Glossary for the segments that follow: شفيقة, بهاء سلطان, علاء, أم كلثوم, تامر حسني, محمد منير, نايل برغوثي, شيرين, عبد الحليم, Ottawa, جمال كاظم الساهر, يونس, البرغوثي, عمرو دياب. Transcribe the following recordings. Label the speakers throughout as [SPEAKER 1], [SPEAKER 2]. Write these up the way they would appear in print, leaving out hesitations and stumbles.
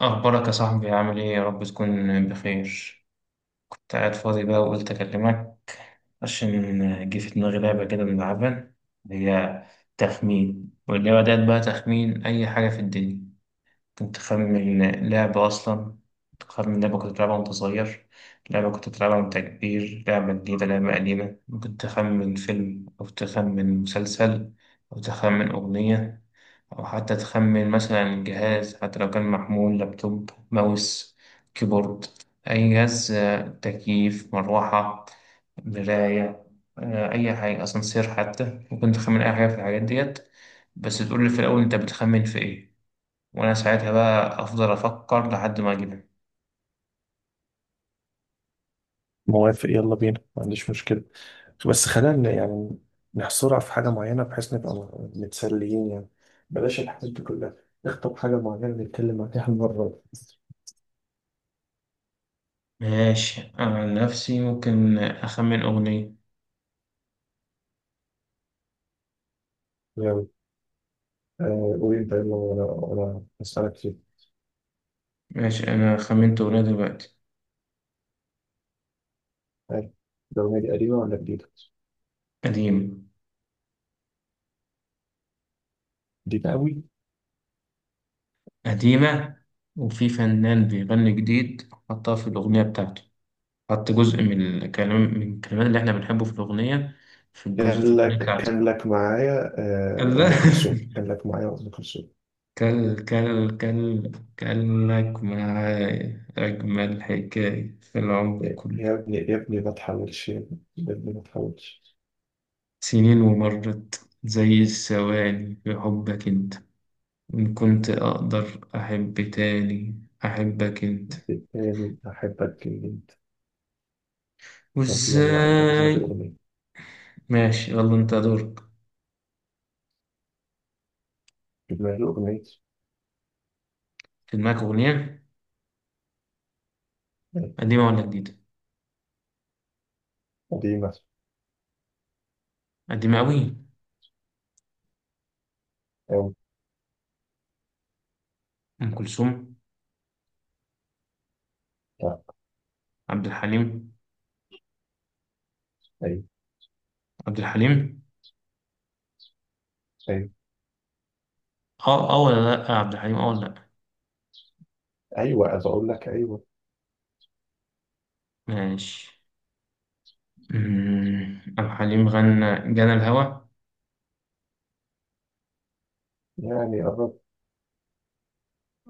[SPEAKER 1] أخبارك يا صاحبي؟ عامل إيه؟ يا رب تكون بخير. كنت قاعد فاضي بقى وقلت أكلمك عشان جه في دماغي لعبة كده بنلعبها. هي تخمين. واللعبة ديت بقى تخمين أي حاجة في الدنيا. ممكن تخمن لعبة أصلا، تخمن لعبة كنت بتلعبها وأنت صغير، لعبة كنت بتلعبها وأنت كبير، لعبة جديدة، لعبة قديمة. ممكن تخمن فيلم أو تخمن مسلسل أو تخمن أغنية، أو حتى تخمن مثلا جهاز، حتى لو كان محمول، لابتوب، ماوس، كيبورد، أي جهاز. تكييف، مروحة، مراية. أي حاجة، أسانسير حتى. ممكن تخمن أي حاجة في الحاجات ديت، بس تقول لي في الأول أنت بتخمن في إيه، وأنا ساعتها بقى أفضل أفكر لحد ما أجيبها.
[SPEAKER 2] موافق، يلا بينا، ما عنديش مشكلة. بس خلينا يعني نحصرها في حاجة معينة بحيث نبقى متسليين يعني. بلاش الحاجات دي كلها، نخطب حاجة معينة نتكلم عليها المرة دي.
[SPEAKER 1] ماشي. أنا عن نفسي ممكن أخمن أغنية.
[SPEAKER 2] يلا. قول أنت يلا، وأنا هسألك فيه.
[SPEAKER 1] ماشي، أنا خمنت أغنية دلوقتي.
[SPEAKER 2] آه، الأغنية دي قديمة ولا جديدة؟
[SPEAKER 1] قديمة.
[SPEAKER 2] جديدة أوي.
[SPEAKER 1] قديمة. وفي فنان بيغني جديد حطها في الأغنية بتاعته. حط جزء من الكلام، من الكلمات اللي احنا بنحبه في الأغنية، في الجزء في
[SPEAKER 2] كان
[SPEAKER 1] الأغنية
[SPEAKER 2] لك كان
[SPEAKER 1] بتاعته.
[SPEAKER 2] لك معايا.
[SPEAKER 1] كلا
[SPEAKER 2] أم كلثوم، كان لك معايا أم كلثوم.
[SPEAKER 1] كل كل كل كلك معايا أجمل حكاية في العمر
[SPEAKER 2] يا
[SPEAKER 1] كله.
[SPEAKER 2] يا ابني يا ابني ما تحاولش، يا ابني ما تحاولش.
[SPEAKER 1] سنين ومرت زي الثواني في حبك أنت. إن كنت أقدر أحب تاني أحبك أنت.
[SPEAKER 2] تاني أحبك جدا. طب يلا، أنا في دماغي
[SPEAKER 1] وإزاي؟
[SPEAKER 2] أغنية.
[SPEAKER 1] ماشي، يلا أنت دورك.
[SPEAKER 2] في دماغي أغنية.
[SPEAKER 1] في دماغك أغنية قديمة ولا جديدة؟
[SPEAKER 2] قديمة
[SPEAKER 1] قديمة أوي.
[SPEAKER 2] أوي.
[SPEAKER 1] أم كلثوم؟
[SPEAKER 2] لا.
[SPEAKER 1] عبد الحليم.
[SPEAKER 2] أيوة.
[SPEAKER 1] عبد الحليم.
[SPEAKER 2] أيوة.
[SPEAKER 1] اه، اه، ولا لا، عبد الحليم؟ اه، ولا لا.
[SPEAKER 2] أيوة، عايز أقول لك أيوة.
[SPEAKER 1] ماشي. عبد الحليم غنى جنى الهوى.
[SPEAKER 2] يعني قرب.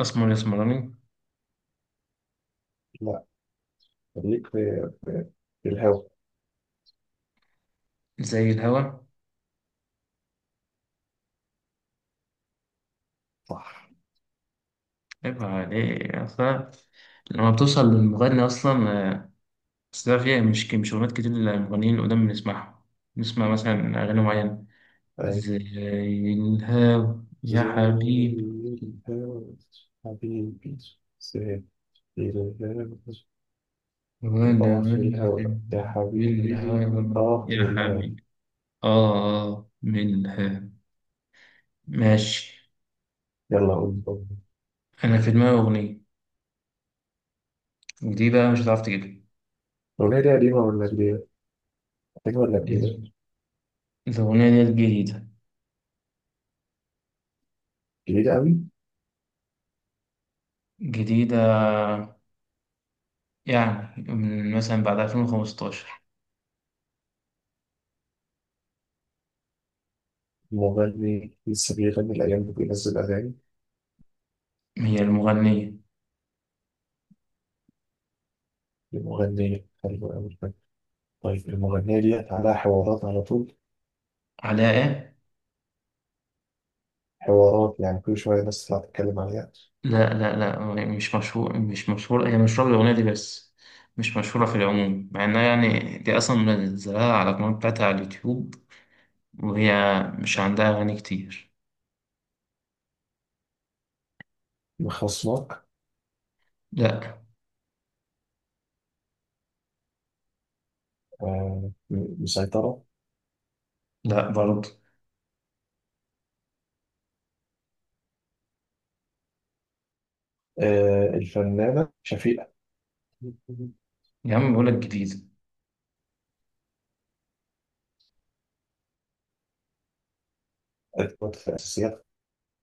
[SPEAKER 1] اسمر اسمراني.
[SPEAKER 2] لا، خليك في في الهوا.
[SPEAKER 1] زي الهوى.
[SPEAKER 2] صح.
[SPEAKER 1] عيب عليك اصلا لما بتوصل للمغني اصلا. آه، بس ده فيها مش اغنيات كتير للمغنيين القدام بنسمعهم. نسمع مثلا اغاني معينة
[SPEAKER 2] أيوة،
[SPEAKER 1] زي الهوى يا
[SPEAKER 2] زي
[SPEAKER 1] حبيبي.
[SPEAKER 2] الهوا حبيبي، زي الهوا.
[SPEAKER 1] وانا
[SPEAKER 2] آه، في الهوا
[SPEAKER 1] واقف
[SPEAKER 2] يا حبيبي.
[SPEAKER 1] بالهوى
[SPEAKER 2] آه، في
[SPEAKER 1] يا
[SPEAKER 2] الهوا.
[SPEAKER 1] حبيبي. اه، اه، من الهوى. ماشي.
[SPEAKER 2] يلا قول، قول.
[SPEAKER 1] انا في دماغي اغنية، دي بقى مش هتعرف تجيبها.
[SPEAKER 2] الأغنية دي قديمة ولا جديدة؟ قديمة ولا جديدة؟
[SPEAKER 1] الأغنية ديت جديدة.
[SPEAKER 2] جديدة أوي.
[SPEAKER 1] جديدة يعني من مثلا بعد 2015.
[SPEAKER 2] مغني لسه بيغني الأيام دي، بينزل أغاني
[SPEAKER 1] هي المغنية.
[SPEAKER 2] لمغني حلو أوي؟ طيب المغنية ديت عليها حوارات على طول؟
[SPEAKER 1] علاء؟
[SPEAKER 2] حوارات يعني كل شوية ناس تطلع تتكلم عليها.
[SPEAKER 1] لا لا لا، مش مشهور، مش مشهورة. هي مشهورة بالأغنية دي بس، مش مشهورة في العموم، مع إنها يعني دي أصلا منزلها على القناة بتاعتها على اليوتيوب، وهي مش عندها أغاني كتير.
[SPEAKER 2] مخصناك.
[SPEAKER 1] لا.
[SPEAKER 2] آه، مسيطرة.
[SPEAKER 1] لا برضه.
[SPEAKER 2] آه، الفنانة شفيقة؟
[SPEAKER 1] يا عم بقولك جديدة.
[SPEAKER 2] أدوات في الأساسيات.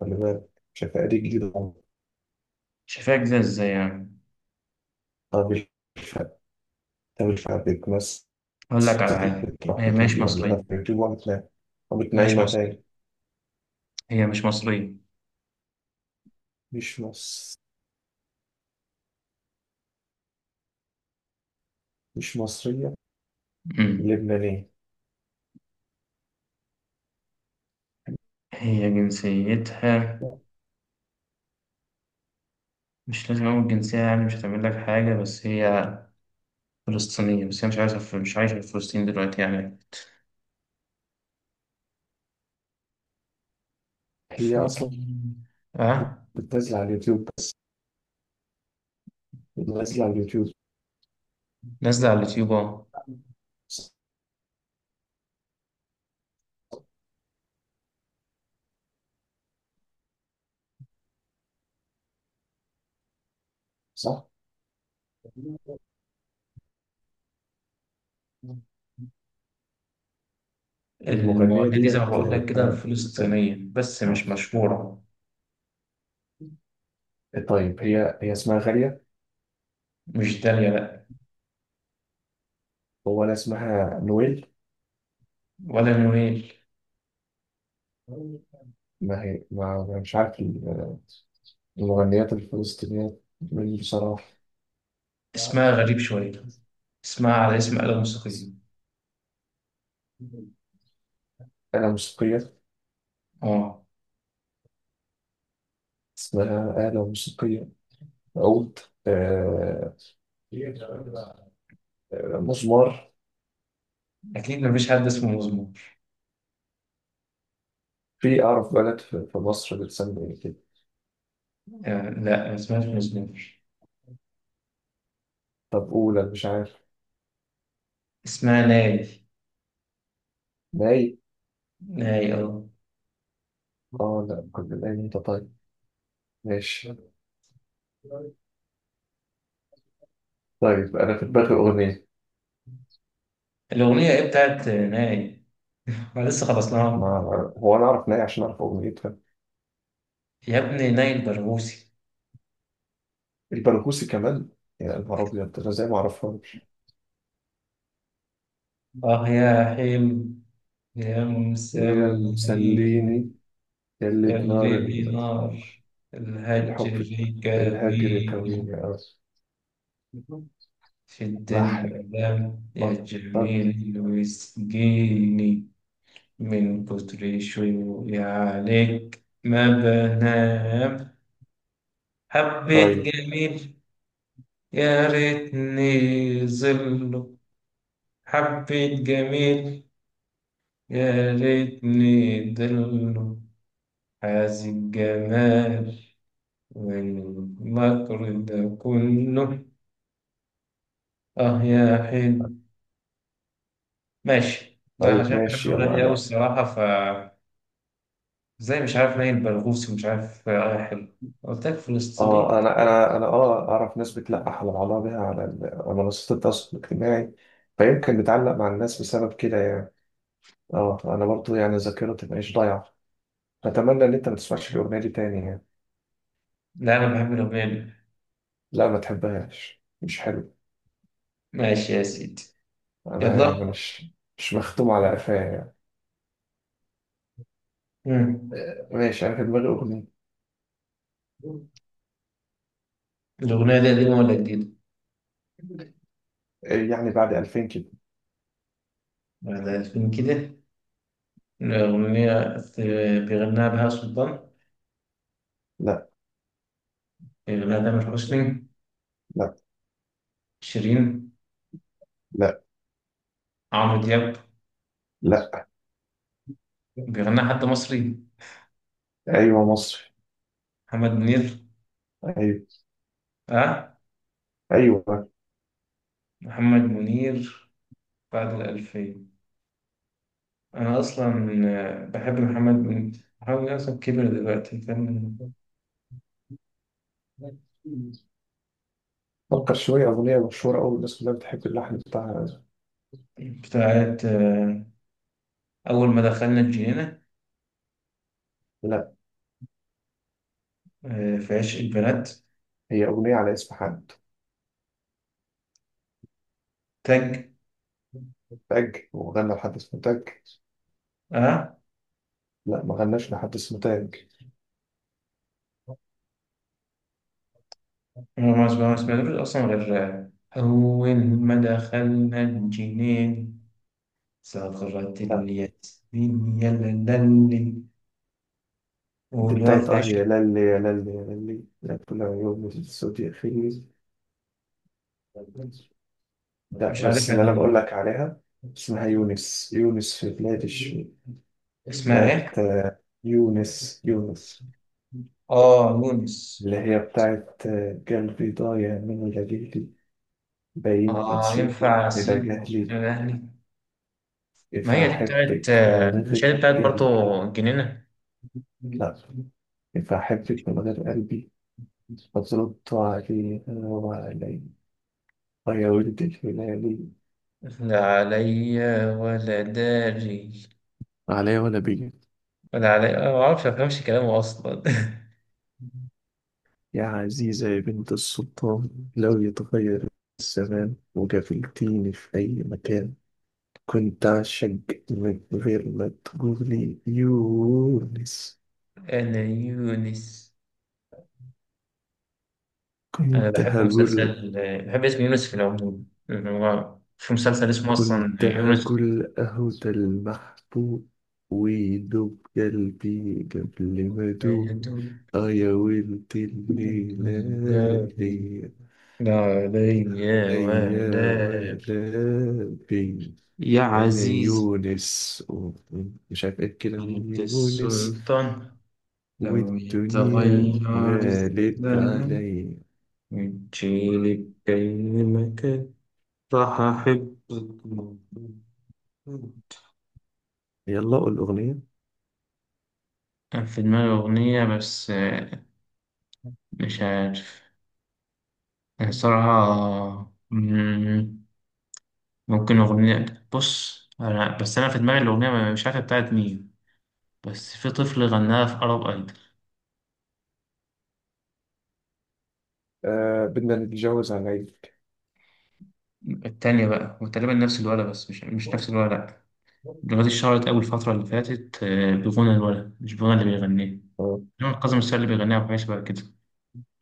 [SPEAKER 2] خلي بالك، شفيقة دي جديدة.
[SPEAKER 1] شايفاها جديدة إزاي يعني؟
[SPEAKER 2] طب الف- طب الفئة بتمثل.
[SPEAKER 1] أقول لك على حاجة،
[SPEAKER 2] بتروح
[SPEAKER 1] هي مش
[SPEAKER 2] وتيجي، ولا أنا
[SPEAKER 1] مصرية.
[SPEAKER 2] في اليوتيوب وأنا بتنام؟ قامت
[SPEAKER 1] مش
[SPEAKER 2] نايمة
[SPEAKER 1] مصرية.
[SPEAKER 2] تاني.
[SPEAKER 1] هي مش مصرية.
[SPEAKER 2] مش مصر، مش مصرية.
[SPEAKER 1] أمم.
[SPEAKER 2] لبنانية.
[SPEAKER 1] هي جنسيتها، مش لازم أقول جنسية يعني مش هتعمل لك حاجة، بس هي فلسطينية، بس هي مش عايزة في، مش عايشة في فلسطين دلوقتي يعني.
[SPEAKER 2] هي
[SPEAKER 1] في،
[SPEAKER 2] أصلا
[SPEAKER 1] أه.
[SPEAKER 2] بتنزل على اليوتيوب بس؟ بتنزل على اليوتيوب،
[SPEAKER 1] نازلة على اليوتيوب أهو.
[SPEAKER 2] صح؟ المغنية
[SPEAKER 1] المغنية دي زي ما
[SPEAKER 2] ديت،
[SPEAKER 1] بقول لك كده
[SPEAKER 2] أنا آه،
[SPEAKER 1] فلسطينية بس
[SPEAKER 2] آه.
[SPEAKER 1] مش مشهورة.
[SPEAKER 2] طيب، هي اسمها غالية؟
[SPEAKER 1] مش دالية، لأ.
[SPEAKER 2] هو أنا اسمها نويل؟
[SPEAKER 1] ولا نويل.
[SPEAKER 2] ما هي، ما أنا مش عارف المغنيات الفلسطينية من بصراحة.
[SPEAKER 1] اسمها غريب شوية. اسمها على اسم آلة موسيقية.
[SPEAKER 2] آلة موسيقية؟
[SPEAKER 1] أه.
[SPEAKER 2] اسمها آلة موسيقية؟ عود؟ آه، مزمار؟
[SPEAKER 1] أكيد مفيش حد اسمه مزمور.
[SPEAKER 2] في أعرف بلد في مصر بتسمي إيه كده.
[SPEAKER 1] لا ما اسمهاش مزمور.
[SPEAKER 2] طب أولى، مش عارف.
[SPEAKER 1] اسمها ناي.
[SPEAKER 2] ناي.
[SPEAKER 1] ناي، أه.
[SPEAKER 2] اه لا، كنا ناي انت، طيب، ماشي. طيب أنا في دماغي أغنية.
[SPEAKER 1] الأغنية إيه بتاعت ناي؟ احنا لسه
[SPEAKER 2] ما
[SPEAKER 1] خلصناها.
[SPEAKER 2] هو أنا أعرف ناي عشان أعرف أغنيتها؟
[SPEAKER 1] يا ابني، نايل برغوثي.
[SPEAKER 2] البرغوثي كمان؟ يا نهار أبيض، أنا إزاي ما أعرفهاش.
[SPEAKER 1] اه، يا حلم يا
[SPEAKER 2] ويا
[SPEAKER 1] مسلمين،
[SPEAKER 2] مسليني، يا اللي
[SPEAKER 1] اللي بنار الهجر
[SPEAKER 2] الحب الهاجر يا
[SPEAKER 1] كاظيم
[SPEAKER 2] كويني، آه.
[SPEAKER 1] في الدنيا،
[SPEAKER 2] راح،
[SPEAKER 1] لم
[SPEAKER 2] آه. طب،
[SPEAKER 1] يجمل ويسقيني. من كتر شوقي عليك ما بنام. حبيت
[SPEAKER 2] طيب،
[SPEAKER 1] جميل يا ريتني ظله. حبيت جميل يا ليتني ضل. حاز الجمال والمكر ده كله. اه يا حلو. ماشي. ده
[SPEAKER 2] طيب،
[SPEAKER 1] عشان بحب
[SPEAKER 2] ماشي. يلا
[SPEAKER 1] الغني أوي
[SPEAKER 2] أنا.
[SPEAKER 1] الصراحة. ف زي مش عارف نايل برغوثي ومش عارف اه. يا حلو. قلت لك فلسطيني.
[SPEAKER 2] اه، انا اه اعرف ناس بتلقح على بعضها بيها على على منصات التواصل الاجتماعي، فيمكن بتعلق مع الناس بسبب كده يعني. اه انا برضو يعني ذاكرتي مش ضايعه، اتمنى ان انت ما تسمعش الاغنيه دي تاني يعني.
[SPEAKER 1] لا أنا بحب الأغنية دي.
[SPEAKER 2] لا ما تحبهاش، مش حلو.
[SPEAKER 1] ماشي يا سيدي.
[SPEAKER 2] انا يعني
[SPEAKER 1] يلا.
[SPEAKER 2] مش، مش مختوم على قفايا يعني.
[SPEAKER 1] مم.
[SPEAKER 2] ماشي، انا في دماغي اغنيه.
[SPEAKER 1] الأغنية دي قديمة ولا جديدة؟
[SPEAKER 2] يعني بعد 2000 كده.
[SPEAKER 1] بعد 2000 كده. الأغنية بيغناها بهاء سلطان؟
[SPEAKER 2] لا.
[SPEAKER 1] بيغناها تامر حسني؟
[SPEAKER 2] لا.
[SPEAKER 1] شيرين؟
[SPEAKER 2] لا.
[SPEAKER 1] عمرو دياب؟
[SPEAKER 2] لا.
[SPEAKER 1] بيغنى حد مصري؟
[SPEAKER 2] ايوه، مصري.
[SPEAKER 1] محمد منير؟
[SPEAKER 2] ايوه.
[SPEAKER 1] اه.
[SPEAKER 2] ايوه.
[SPEAKER 1] محمد منير. بعد الألفين. أنا أصلا بحب محمد منير. محمد منير أصلا كبر دلوقتي كان.
[SPEAKER 2] فكر شويه، اغنيه مشهوره قوي الناس كلها بتحب اللحن بتاعها.
[SPEAKER 1] بتاعت أول ما دخلنا الجنينة؟
[SPEAKER 2] لا.
[SPEAKER 1] في عشق البنات؟
[SPEAKER 2] هي اغنيه على اسم حد؟
[SPEAKER 1] تاج.
[SPEAKER 2] تاج، وغنى لحد اسمه تاج؟
[SPEAKER 1] اه.
[SPEAKER 2] لا ما غناش لحد اسمه
[SPEAKER 1] هو ما
[SPEAKER 2] تاج.
[SPEAKER 1] ما ما سمعتوش أصلا غير أول ما دخلنا الجنينة صغرت
[SPEAKER 2] لا
[SPEAKER 1] الياسمين يا لالي
[SPEAKER 2] دي
[SPEAKER 1] والواد
[SPEAKER 2] بتاعت
[SPEAKER 1] في
[SPEAKER 2] اه
[SPEAKER 1] عشق.
[SPEAKER 2] يا للي يا للي يا للي، لا كل عيون الصوت يخيل. لا،
[SPEAKER 1] مش
[SPEAKER 2] بس
[SPEAKER 1] عارفها
[SPEAKER 2] اللي انا
[SPEAKER 1] دي.
[SPEAKER 2] بقول لك عليها اسمها يونس، يونس في بلاد الشام.
[SPEAKER 1] اسمها
[SPEAKER 2] بتاعت
[SPEAKER 1] إيه؟
[SPEAKER 2] يونس يونس،
[SPEAKER 1] اه، يونس.
[SPEAKER 2] اللي هي بتاعت قلبي ضايع من ليلي، باين
[SPEAKER 1] اه،
[SPEAKER 2] نسيت
[SPEAKER 1] ينفع
[SPEAKER 2] واحدة
[SPEAKER 1] اسيب وأنا
[SPEAKER 2] جهلي،
[SPEAKER 1] الاهلي. ما هي
[SPEAKER 2] إذا
[SPEAKER 1] دي بتاعت
[SPEAKER 2] أحبك من
[SPEAKER 1] مش هي دي
[SPEAKER 2] غير
[SPEAKER 1] بتاعت برضه
[SPEAKER 2] قلبي.
[SPEAKER 1] الجنينة؟
[SPEAKER 2] لا، إذا أحبك من غير قلبي، فضلت عليها وعليها، يا ولد الهلال،
[SPEAKER 1] لا عليا ولا داري.
[SPEAKER 2] عليا ولا بيجي،
[SPEAKER 1] ولا عليا، أنا ما اعرفش، ما بفهمش كلامه اصلا.
[SPEAKER 2] يا عزيزة يا بنت السلطان، لو يتغير الزمان وقابلتيني في أي مكان، كنت أعشق من غير ما تقولي يونس،
[SPEAKER 1] انا يونس. انا
[SPEAKER 2] كنت
[SPEAKER 1] بحب
[SPEAKER 2] هقول،
[SPEAKER 1] مسلسل. بحب اسم يونس في العموم. يعني هو في مسلسل اسمه اصلا
[SPEAKER 2] كنت
[SPEAKER 1] يونس.
[SPEAKER 2] هقول أهو ده المحبوب، ويدوب قلبي قبل ما أدوب. آه يا ولد الهلال،
[SPEAKER 1] لا عليا
[SPEAKER 2] يا
[SPEAKER 1] ولا
[SPEAKER 2] ولبي،
[SPEAKER 1] يا
[SPEAKER 2] انا
[SPEAKER 1] عزيز
[SPEAKER 2] يونس مش عارف ايه كده من
[SPEAKER 1] بيت
[SPEAKER 2] يونس.
[SPEAKER 1] السلطان، لو
[SPEAKER 2] والدنيا
[SPEAKER 1] يتغير
[SPEAKER 2] مالت
[SPEAKER 1] الزمن
[SPEAKER 2] عليا.
[SPEAKER 1] وتجيلي بأي مكان راح أحبك موجود.
[SPEAKER 2] يلا قول الاغنيه.
[SPEAKER 1] كان في دماغي أغنية بس مش عارف. يعني صراحة، ممكن أغنية. بص أنا، بس أنا في دماغي الأغنية مش عارف بتاعت مين. بس في طفل غناها في أرب أيدل
[SPEAKER 2] آه، بدنا نتجوز عليك.
[SPEAKER 1] التانية بقى، وتقريبا نفس الولد بس مش نفس الولد. الأغنية دي اتشهرت أول الفترة اللي فاتت بغنى الولد مش بغنى اللي بيغنيه
[SPEAKER 2] آه.
[SPEAKER 1] جمال. كاظم الساهر اللي بيغنيها، وحاجة شبه كده.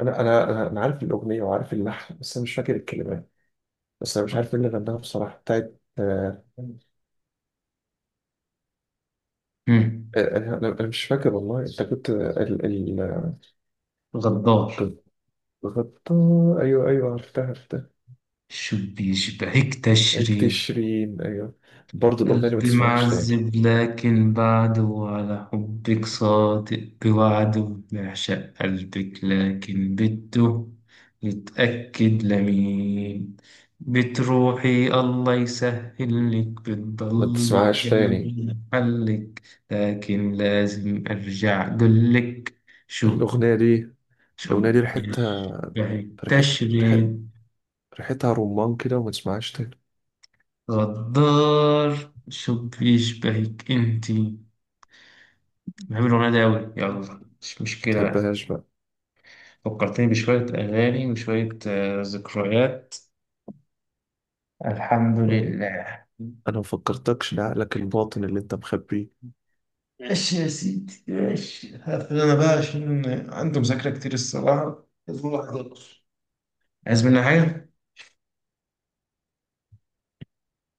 [SPEAKER 2] انا انا انا أنا عارف الاغنيه وعارف اللحن، بس انا مش فاكر الكلمات. بس انا مش عارف مين اللي غناها بصراحه، بتاعت آه.
[SPEAKER 1] مم.
[SPEAKER 2] أنا مش فاكر والله. انت كنت ال
[SPEAKER 1] غدار،
[SPEAKER 2] كنت غطا. ايوه ايوه، عرفتها عرفتها.
[SPEAKER 1] شو بيشبهك تشرين.
[SPEAKER 2] تشرين، ايوه. برضه الاغنيه دي ما
[SPEAKER 1] قلبي
[SPEAKER 2] تسمعهاش تاني.
[SPEAKER 1] معذب لكن بعده، على حبك صادق بوعده، بعشق قلبك لكن بده يتأكد لمين، بتروحي الله يسهل لك،
[SPEAKER 2] ما
[SPEAKER 1] بتضل
[SPEAKER 2] تسمعهاش تاني،
[SPEAKER 1] بقلبي محلك. لكن لازم أرجع أقولك، شو
[SPEAKER 2] الاغنيه دي،
[SPEAKER 1] شو
[SPEAKER 2] الاغنيه دي ريحتها،
[SPEAKER 1] بيشبهك
[SPEAKER 2] ريحت ريح-
[SPEAKER 1] تشرب.
[SPEAKER 2] ريحتها رمان كده، وما تسمعهاش تاني.
[SPEAKER 1] غدار شو بيشبهك انتي. بحب الأغنية دي أوي. يلا مش
[SPEAKER 2] ما
[SPEAKER 1] مشكلة بقى.
[SPEAKER 2] تحبهاش بقى.
[SPEAKER 1] فكرتني بشوية أغاني وشوية ذكريات. الحمد
[SPEAKER 2] أه،
[SPEAKER 1] لله.
[SPEAKER 2] انا ما فكرتكش لعقلك الباطن اللي انت مخبيه.
[SPEAKER 1] ماشي يا سيدي، ماشي. هقفل أنا بقى عشان عندي مذاكرة كتير الصراحة، لازم الواحد يقف. عايز مني حاجة؟